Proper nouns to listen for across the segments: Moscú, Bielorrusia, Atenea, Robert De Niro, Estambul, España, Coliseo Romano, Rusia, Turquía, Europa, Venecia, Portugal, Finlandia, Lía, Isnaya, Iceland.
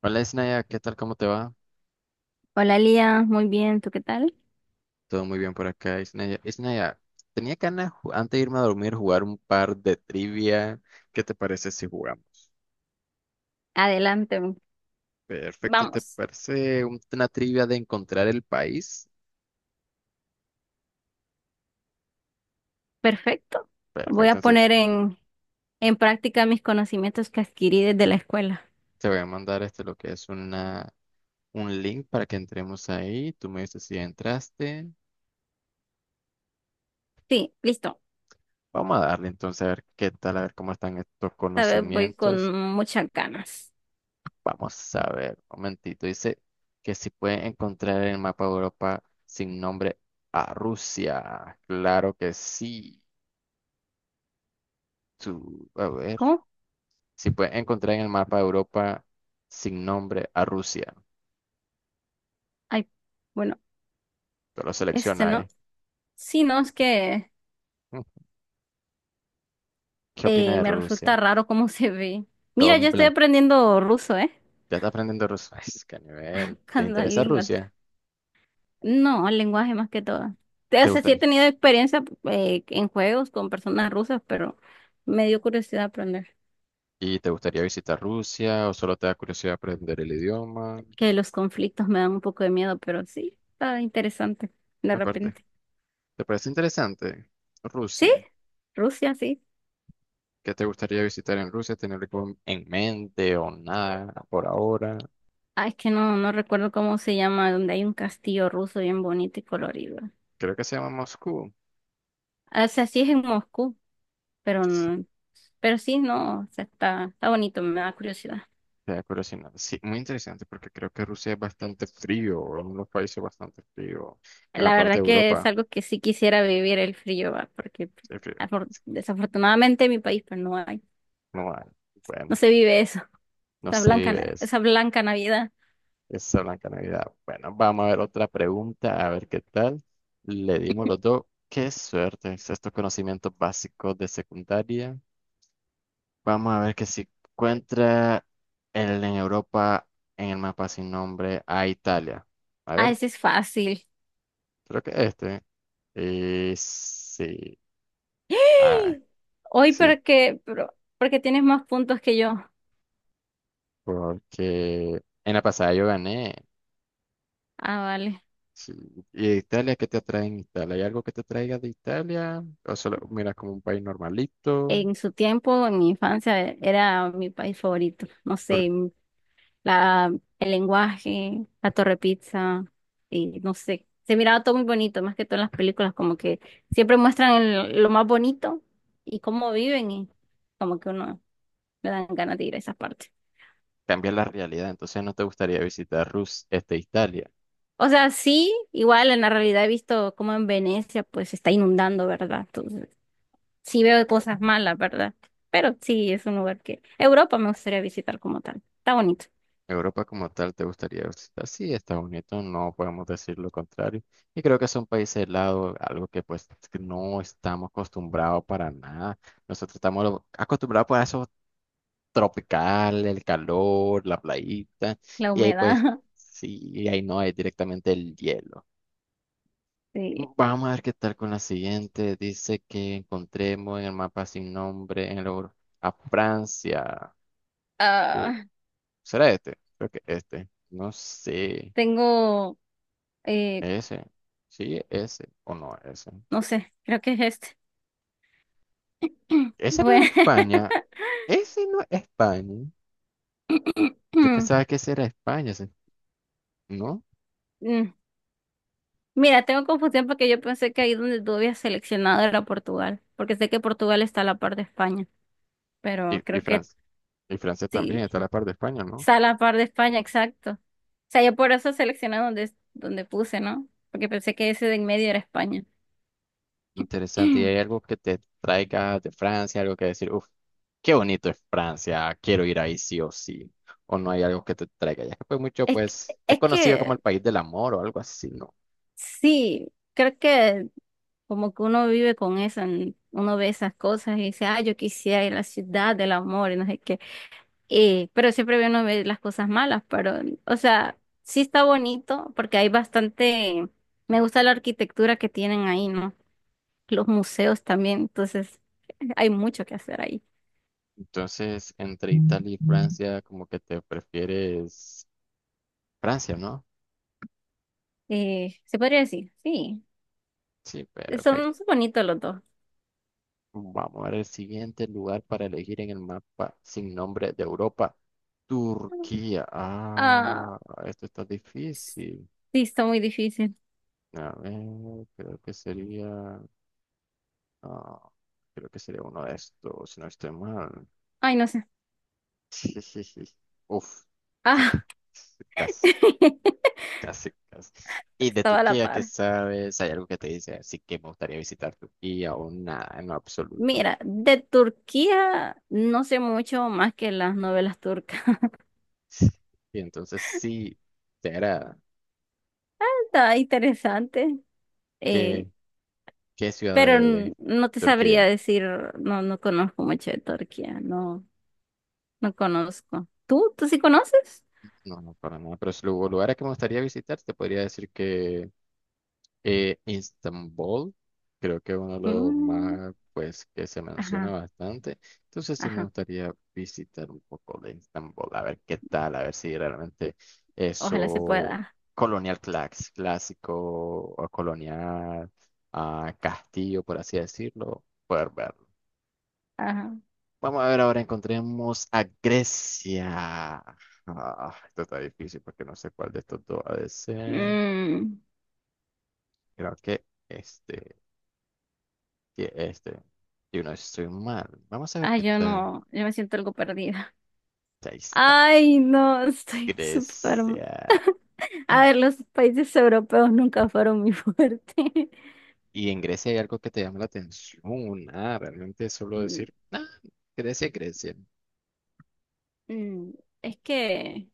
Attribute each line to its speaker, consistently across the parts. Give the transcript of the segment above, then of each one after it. Speaker 1: Hola, Isnaya, ¿qué tal? ¿Cómo te va?
Speaker 2: Hola Lía, muy bien, ¿tú qué tal?
Speaker 1: Todo muy bien por acá, Isnaya. Isnaya, tenía ganas antes de irme a dormir jugar un par de trivia. ¿Qué te parece si jugamos?
Speaker 2: Adelante,
Speaker 1: Perfecto, ¿te
Speaker 2: vamos,
Speaker 1: parece una trivia de encontrar el país?
Speaker 2: perfecto.
Speaker 1: Perfecto,
Speaker 2: Voy a
Speaker 1: entonces
Speaker 2: poner en práctica mis conocimientos que adquirí desde la escuela.
Speaker 1: te voy a mandar este lo que es una, un link para que entremos ahí. Tú me dices si entraste.
Speaker 2: Sí, listo.
Speaker 1: Vamos a darle entonces a ver qué tal, a ver cómo están estos
Speaker 2: Esta vez voy
Speaker 1: conocimientos.
Speaker 2: con muchas ganas.
Speaker 1: Vamos a ver, un momentito. Dice que si pueden encontrar en el mapa de Europa sin nombre a Rusia. Claro que sí. A ver.
Speaker 2: ¿Cómo?
Speaker 1: Si pueden encontrar en el mapa de Europa sin nombre a Rusia.
Speaker 2: Ay, bueno,
Speaker 1: Tú lo
Speaker 2: este
Speaker 1: selecciona,
Speaker 2: no.
Speaker 1: ¿eh?
Speaker 2: Sí, no, es que
Speaker 1: Mm, ¿Qué opina de
Speaker 2: me resulta
Speaker 1: Rusia?
Speaker 2: raro cómo se ve.
Speaker 1: Todo
Speaker 2: Mira,
Speaker 1: en
Speaker 2: yo estoy
Speaker 1: blanco.
Speaker 2: aprendiendo ruso, ¿eh?
Speaker 1: Ya está aprendiendo ruso. Ay, es que a nivel. ¿Te
Speaker 2: Buscando
Speaker 1: interesa
Speaker 2: lingua.
Speaker 1: Rusia?
Speaker 2: No, lenguaje más que todo. O
Speaker 1: ¿Te
Speaker 2: sea, sí
Speaker 1: gusta?
Speaker 2: he tenido experiencia en juegos con personas rusas, pero me dio curiosidad aprender.
Speaker 1: ¿Y te gustaría visitar Rusia o solo te da curiosidad aprender el idioma?
Speaker 2: Que los conflictos me dan un poco de miedo, pero sí, está interesante de
Speaker 1: Aparte,
Speaker 2: repente.
Speaker 1: ¿te parece interesante
Speaker 2: ¿Sí?
Speaker 1: Rusia?
Speaker 2: Rusia, sí.
Speaker 1: ¿Qué te gustaría visitar en Rusia? ¿Tener algo en mente o nada por ahora?
Speaker 2: Ah, es que no recuerdo cómo se llama, donde hay un castillo ruso bien bonito y colorido.
Speaker 1: Creo que se llama Moscú.
Speaker 2: O sea, sí es en Moscú, pero
Speaker 1: Sí,
Speaker 2: pero sí, no, o sea, está bonito, me da curiosidad.
Speaker 1: queda curiosidad. Sí, muy interesante porque creo que Rusia es bastante frío, o uno de los países bastante frío. En la
Speaker 2: La
Speaker 1: parte
Speaker 2: verdad
Speaker 1: de
Speaker 2: que es
Speaker 1: Europa,
Speaker 2: algo que sí quisiera vivir el frío, va, porque
Speaker 1: sí, frío.
Speaker 2: desafortunadamente en mi país pues no hay,
Speaker 1: No hay.
Speaker 2: no
Speaker 1: Bueno,
Speaker 2: se vive eso,
Speaker 1: no se vive eso.
Speaker 2: esa blanca Navidad.
Speaker 1: Esa blanca Navidad. Bueno, vamos a ver otra pregunta, a ver qué tal. Le dimos los dos. Qué suerte. Estos conocimientos básicos de secundaria. Vamos a ver que si encuentra el en Europa en el mapa sin nombre a Italia. A
Speaker 2: Ah,
Speaker 1: ver,
Speaker 2: ese es fácil.
Speaker 1: creo que este. Sí. Ah,
Speaker 2: ¡Ah! Hoy
Speaker 1: sí.
Speaker 2: porque, pero, porque tienes más puntos que yo.
Speaker 1: Porque en la pasada yo gané.
Speaker 2: Ah, vale.
Speaker 1: Sí. ¿Y de Italia qué te atrae en Italia? ¿Hay algo que te traiga de Italia? ¿O solo miras como un país normalito?
Speaker 2: En su tiempo, en mi infancia, era mi país favorito. No sé,
Speaker 1: Porque
Speaker 2: la, el lenguaje, la torre pizza, y no sé. Se miraba todo muy bonito, más que todo en las películas, como que siempre muestran lo más bonito y cómo viven, y como que uno le dan ganas de ir a esas partes.
Speaker 1: cambia la realidad. Entonces no te gustaría visitar Rus, este, Italia.
Speaker 2: O sea, sí, igual en la realidad he visto cómo en Venecia pues se está inundando, ¿verdad? Sí veo cosas malas, ¿verdad? Pero sí, es un lugar que Europa me gustaría visitar como tal. Está bonito.
Speaker 1: Europa como tal te gustaría visitar. Sí, Estados Unidos, no podemos decir lo contrario. Y creo que es un país helado, algo que pues que no estamos acostumbrados para nada. Nosotros estamos acostumbrados pues, a eso tropical, el calor, la playita.
Speaker 2: La
Speaker 1: Y ahí pues,
Speaker 2: humedad,
Speaker 1: sí, y ahí no hay directamente el hielo.
Speaker 2: sí.
Speaker 1: Vamos a ver qué tal con la siguiente. Dice que encontremos en el mapa sin nombre en el, a Francia. Uh,
Speaker 2: Ah,
Speaker 1: ¿Será este? Creo que este. No sé.
Speaker 2: tengo, eh,
Speaker 1: Ese, sí, ese, o no, ese.
Speaker 2: no sé, creo que es este.
Speaker 1: Ese no era
Speaker 2: Bueno,
Speaker 1: España. Ese no es España. Yo pensaba que ese era España, ese, ¿no?
Speaker 2: mm, mira, tengo confusión porque yo pensé que ahí donde tú habías seleccionado era Portugal, porque sé que Portugal está a la par de España,
Speaker 1: Y,
Speaker 2: pero
Speaker 1: y
Speaker 2: creo que
Speaker 1: Francia. Y Francia también
Speaker 2: sí,
Speaker 1: está a la par de España, ¿no?
Speaker 2: está a la par de España, exacto. O sea, yo por eso seleccioné donde puse, ¿no? Porque pensé que ese de en medio era España. Es
Speaker 1: Interesante. ¿Y hay algo que te traiga de Francia? Algo que decir, uff, qué bonito es Francia, quiero ir ahí sí o sí. O no hay algo que te traiga. Ya que pues mucho,
Speaker 2: que,
Speaker 1: pues, es
Speaker 2: es
Speaker 1: conocido como
Speaker 2: que
Speaker 1: el país del amor o algo así, ¿no?
Speaker 2: sí, creo que como que uno vive con eso, uno ve esas cosas y dice, ah, yo quisiera ir a la ciudad del amor y no sé qué. Pero siempre uno ve las cosas malas, pero, o sea, sí está bonito porque hay bastante, me gusta la arquitectura que tienen ahí, ¿no? Los museos también, entonces hay mucho que hacer ahí.
Speaker 1: Entonces, entre Italia y Francia, como que te prefieres Francia, ¿no?
Speaker 2: Se podría decir, sí,
Speaker 1: Sí,
Speaker 2: son,
Speaker 1: perfecto.
Speaker 2: son bonitos los dos.
Speaker 1: Vamos a ver el siguiente lugar para elegir en el mapa sin nombre de Europa. Turquía.
Speaker 2: Ah,
Speaker 1: Ah, esto está difícil.
Speaker 2: sí, está muy difícil.
Speaker 1: A ver, creo que sería. ah, creo que sería uno de estos, si no estoy mal.
Speaker 2: Ay, no sé.
Speaker 1: Uf. ah,
Speaker 2: Ah,
Speaker 1: Casi, casi, casi. ¿Y de
Speaker 2: estaba a la
Speaker 1: Turquía qué
Speaker 2: par.
Speaker 1: sabes? ¿Hay algo que te dice? Así que me gustaría visitar Turquía o nada, en lo absoluto.
Speaker 2: Mira, de Turquía no sé mucho más que las novelas turcas.
Speaker 1: Y entonces sí, será
Speaker 2: Está interesante, eh,
Speaker 1: que. ¿Qué ciudad
Speaker 2: pero
Speaker 1: de, de
Speaker 2: no te sabría
Speaker 1: Turquía?
Speaker 2: decir, no, no conozco mucho de Turquía, no, no conozco. ¿Tú? ¿Tú sí conoces?
Speaker 1: No, no, para nada. Pero si lugares que me gustaría visitar, te podría decir que Estambul, creo que es uno de los
Speaker 2: Mm,
Speaker 1: más, pues, que se menciona
Speaker 2: ajá,
Speaker 1: bastante. Entonces sí me
Speaker 2: ajá,
Speaker 1: gustaría visitar un poco de Estambul, a ver qué tal, a ver si realmente
Speaker 2: ojalá se
Speaker 1: eso
Speaker 2: pueda.
Speaker 1: colonial clásico o colonial castillo, por así decirlo, poder verlo.
Speaker 2: Ajá.
Speaker 1: Vamos a ver, ahora encontremos a Grecia. Ah, esto está difícil porque no sé cuál de estos dos ha de ser.
Speaker 2: Mm,
Speaker 1: Creo que este, que este. Yo no estoy mal. Vamos a ver
Speaker 2: ay,
Speaker 1: qué
Speaker 2: yo
Speaker 1: tal.
Speaker 2: no, yo me siento algo perdida.
Speaker 1: Ahí está.
Speaker 2: Ay, no, estoy súper.
Speaker 1: Grecia.
Speaker 2: A
Speaker 1: Mm.
Speaker 2: ver, los países europeos nunca fueron mi fuerte.
Speaker 1: Y en Grecia hay algo que te llama la atención. Ah, realmente es solo
Speaker 2: Y,
Speaker 1: decir, ah, Grecia, Grecia.
Speaker 2: mm, es que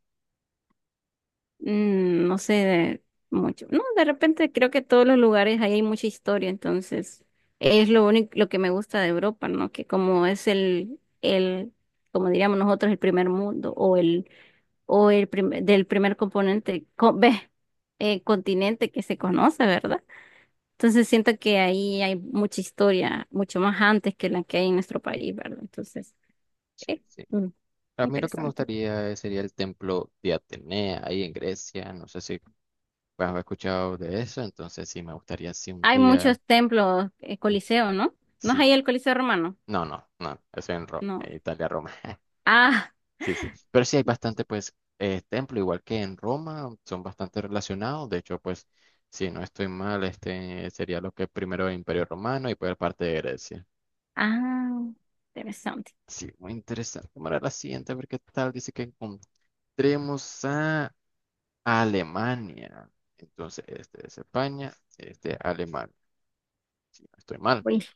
Speaker 2: mm, no sé de mucho. No, de repente creo que todos los lugares ahí hay mucha historia, entonces es lo único, lo que me gusta de Europa, ¿no? Que como es el, como diríamos nosotros, el primer mundo o el del primer componente, ve, continente que se conoce, ¿verdad? Entonces siento que ahí hay mucha historia, mucho más antes que la que hay en nuestro país, ¿verdad? Entonces,
Speaker 1: Sí.
Speaker 2: eh,
Speaker 1: Sí.
Speaker 2: mm,
Speaker 1: A mí lo que
Speaker 2: interesante.
Speaker 1: sería el templo de Atenea ahí en Grecia. No sé si pues he escuchado de eso, entonces sí, me gustaría si un
Speaker 2: Hay
Speaker 1: día,
Speaker 2: muchos templos,
Speaker 1: eh,
Speaker 2: Coliseo, ¿no? ¿No es ahí
Speaker 1: sí,
Speaker 2: el Coliseo Romano?
Speaker 1: no, no, no, eso en Roma,
Speaker 2: No.
Speaker 1: en Italia, Roma,
Speaker 2: Ah,
Speaker 1: sí, sí, pero sí hay bastante, pues, templo, igual que en Roma, son bastante relacionados, de hecho, pues, si no estoy mal, este sería lo que primero el Imperio Romano y pues parte de Grecia.
Speaker 2: ah, interesante.
Speaker 1: Sí, muy interesante, vamos la siguiente, a ver qué tal, dice que encontremos a Alemania, entonces, este es España, este Alemania, si no estoy mal,
Speaker 2: Uy,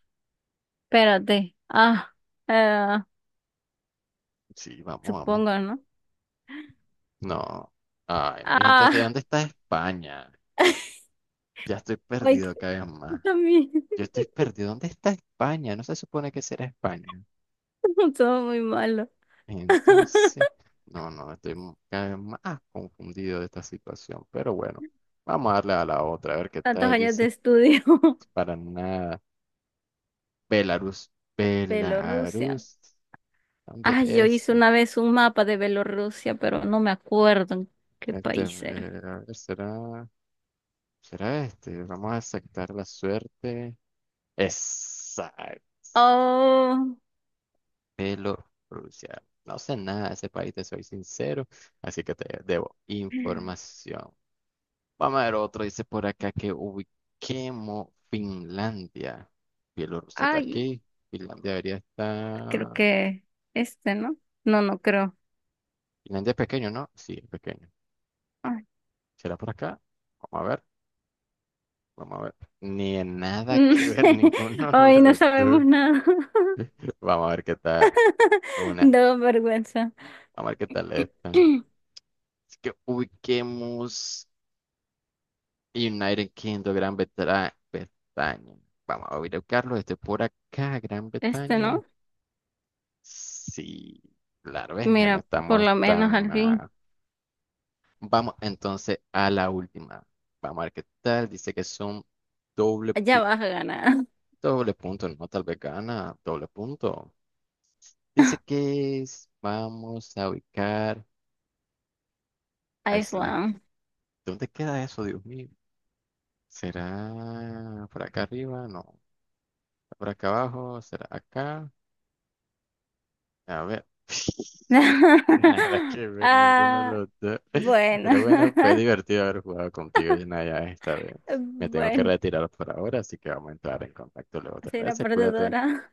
Speaker 2: espérate. Ah, eh,
Speaker 1: sí, vamos, vamos.
Speaker 2: supongo, ¿no?
Speaker 1: No. Ay, entonces,
Speaker 2: Ah,
Speaker 1: ¿dónde está España? Ya estoy
Speaker 2: ay,
Speaker 1: perdido cada vez
Speaker 2: yo
Speaker 1: más.
Speaker 2: también,
Speaker 1: Yo estoy perdido. ¿Dónde está España? No se supone que será España.
Speaker 2: todo muy malo.
Speaker 1: Entonces, no, no, cada vez más confundido de esta situación. Pero bueno, vamos a darle a la otra, a ver qué
Speaker 2: Tantos
Speaker 1: tal
Speaker 2: años de
Speaker 1: dice.
Speaker 2: estudio.
Speaker 1: Para nada. Belarus.
Speaker 2: Bielorrusia.
Speaker 1: Belarus. ¿Dónde
Speaker 2: Ay, yo
Speaker 1: es?
Speaker 2: hice una vez un mapa de Bielorrusia, pero no me acuerdo en qué
Speaker 1: Este,
Speaker 2: país era.
Speaker 1: a ver, será, será este. Vamos a aceptar la suerte. Exacto.
Speaker 2: Oh,
Speaker 1: Bielorrusia. No sé nada de ese país, te soy sincero, así que te debo información. Vamos a ver otro, dice por acá que ubiquemos Finlandia. Bielorrusia está
Speaker 2: ay,
Speaker 1: aquí, Finlandia debería
Speaker 2: creo
Speaker 1: estar...
Speaker 2: que este, ¿no? No, no creo.
Speaker 1: Finlandia es pequeño, ¿no? Sí, es pequeño.
Speaker 2: Ay,
Speaker 1: ¿Será por acá? Vamos a ver, vamos a ver. Ni en nada que ver ninguno de
Speaker 2: ay, no
Speaker 1: los dos.
Speaker 2: sabemos nada.
Speaker 1: Vamos a ver qué tal una,
Speaker 2: Da vergüenza.
Speaker 1: vamos a ver qué tal están. Así que ubiquemos... United Kingdom, Gran Bretaña. Bretaña. Vamos a ir a buscarlo. Este por acá, Gran
Speaker 2: Este,
Speaker 1: Bretaña.
Speaker 2: ¿no?
Speaker 1: Sí, claro, ves, no
Speaker 2: Mira, por
Speaker 1: estamos
Speaker 2: lo menos
Speaker 1: tan
Speaker 2: al fin.
Speaker 1: mal. Vamos entonces a la última. Vamos a ver qué tal. Dice que son doble,
Speaker 2: Ya vas a ganar.
Speaker 1: doble punto, no tal vez gana, doble punto. Dice que vamos a ubicar a Isla.
Speaker 2: Iceland.
Speaker 1: ¿Dónde queda eso, Dios mío? ¿Será por acá arriba? No. ¿Por acá abajo? ¿Será acá? A ver. Nada que ver, ninguno de
Speaker 2: Ah,
Speaker 1: los dos.
Speaker 2: bueno.
Speaker 1: Pero bueno, fue divertido haber jugado contigo, Yanaya, esta vez. Me tengo que
Speaker 2: Bueno,
Speaker 1: retirar por ahora, así que vamos a entrar en contacto luego. ¿Te
Speaker 2: soy una
Speaker 1: parece? Cuídate.
Speaker 2: perdedora.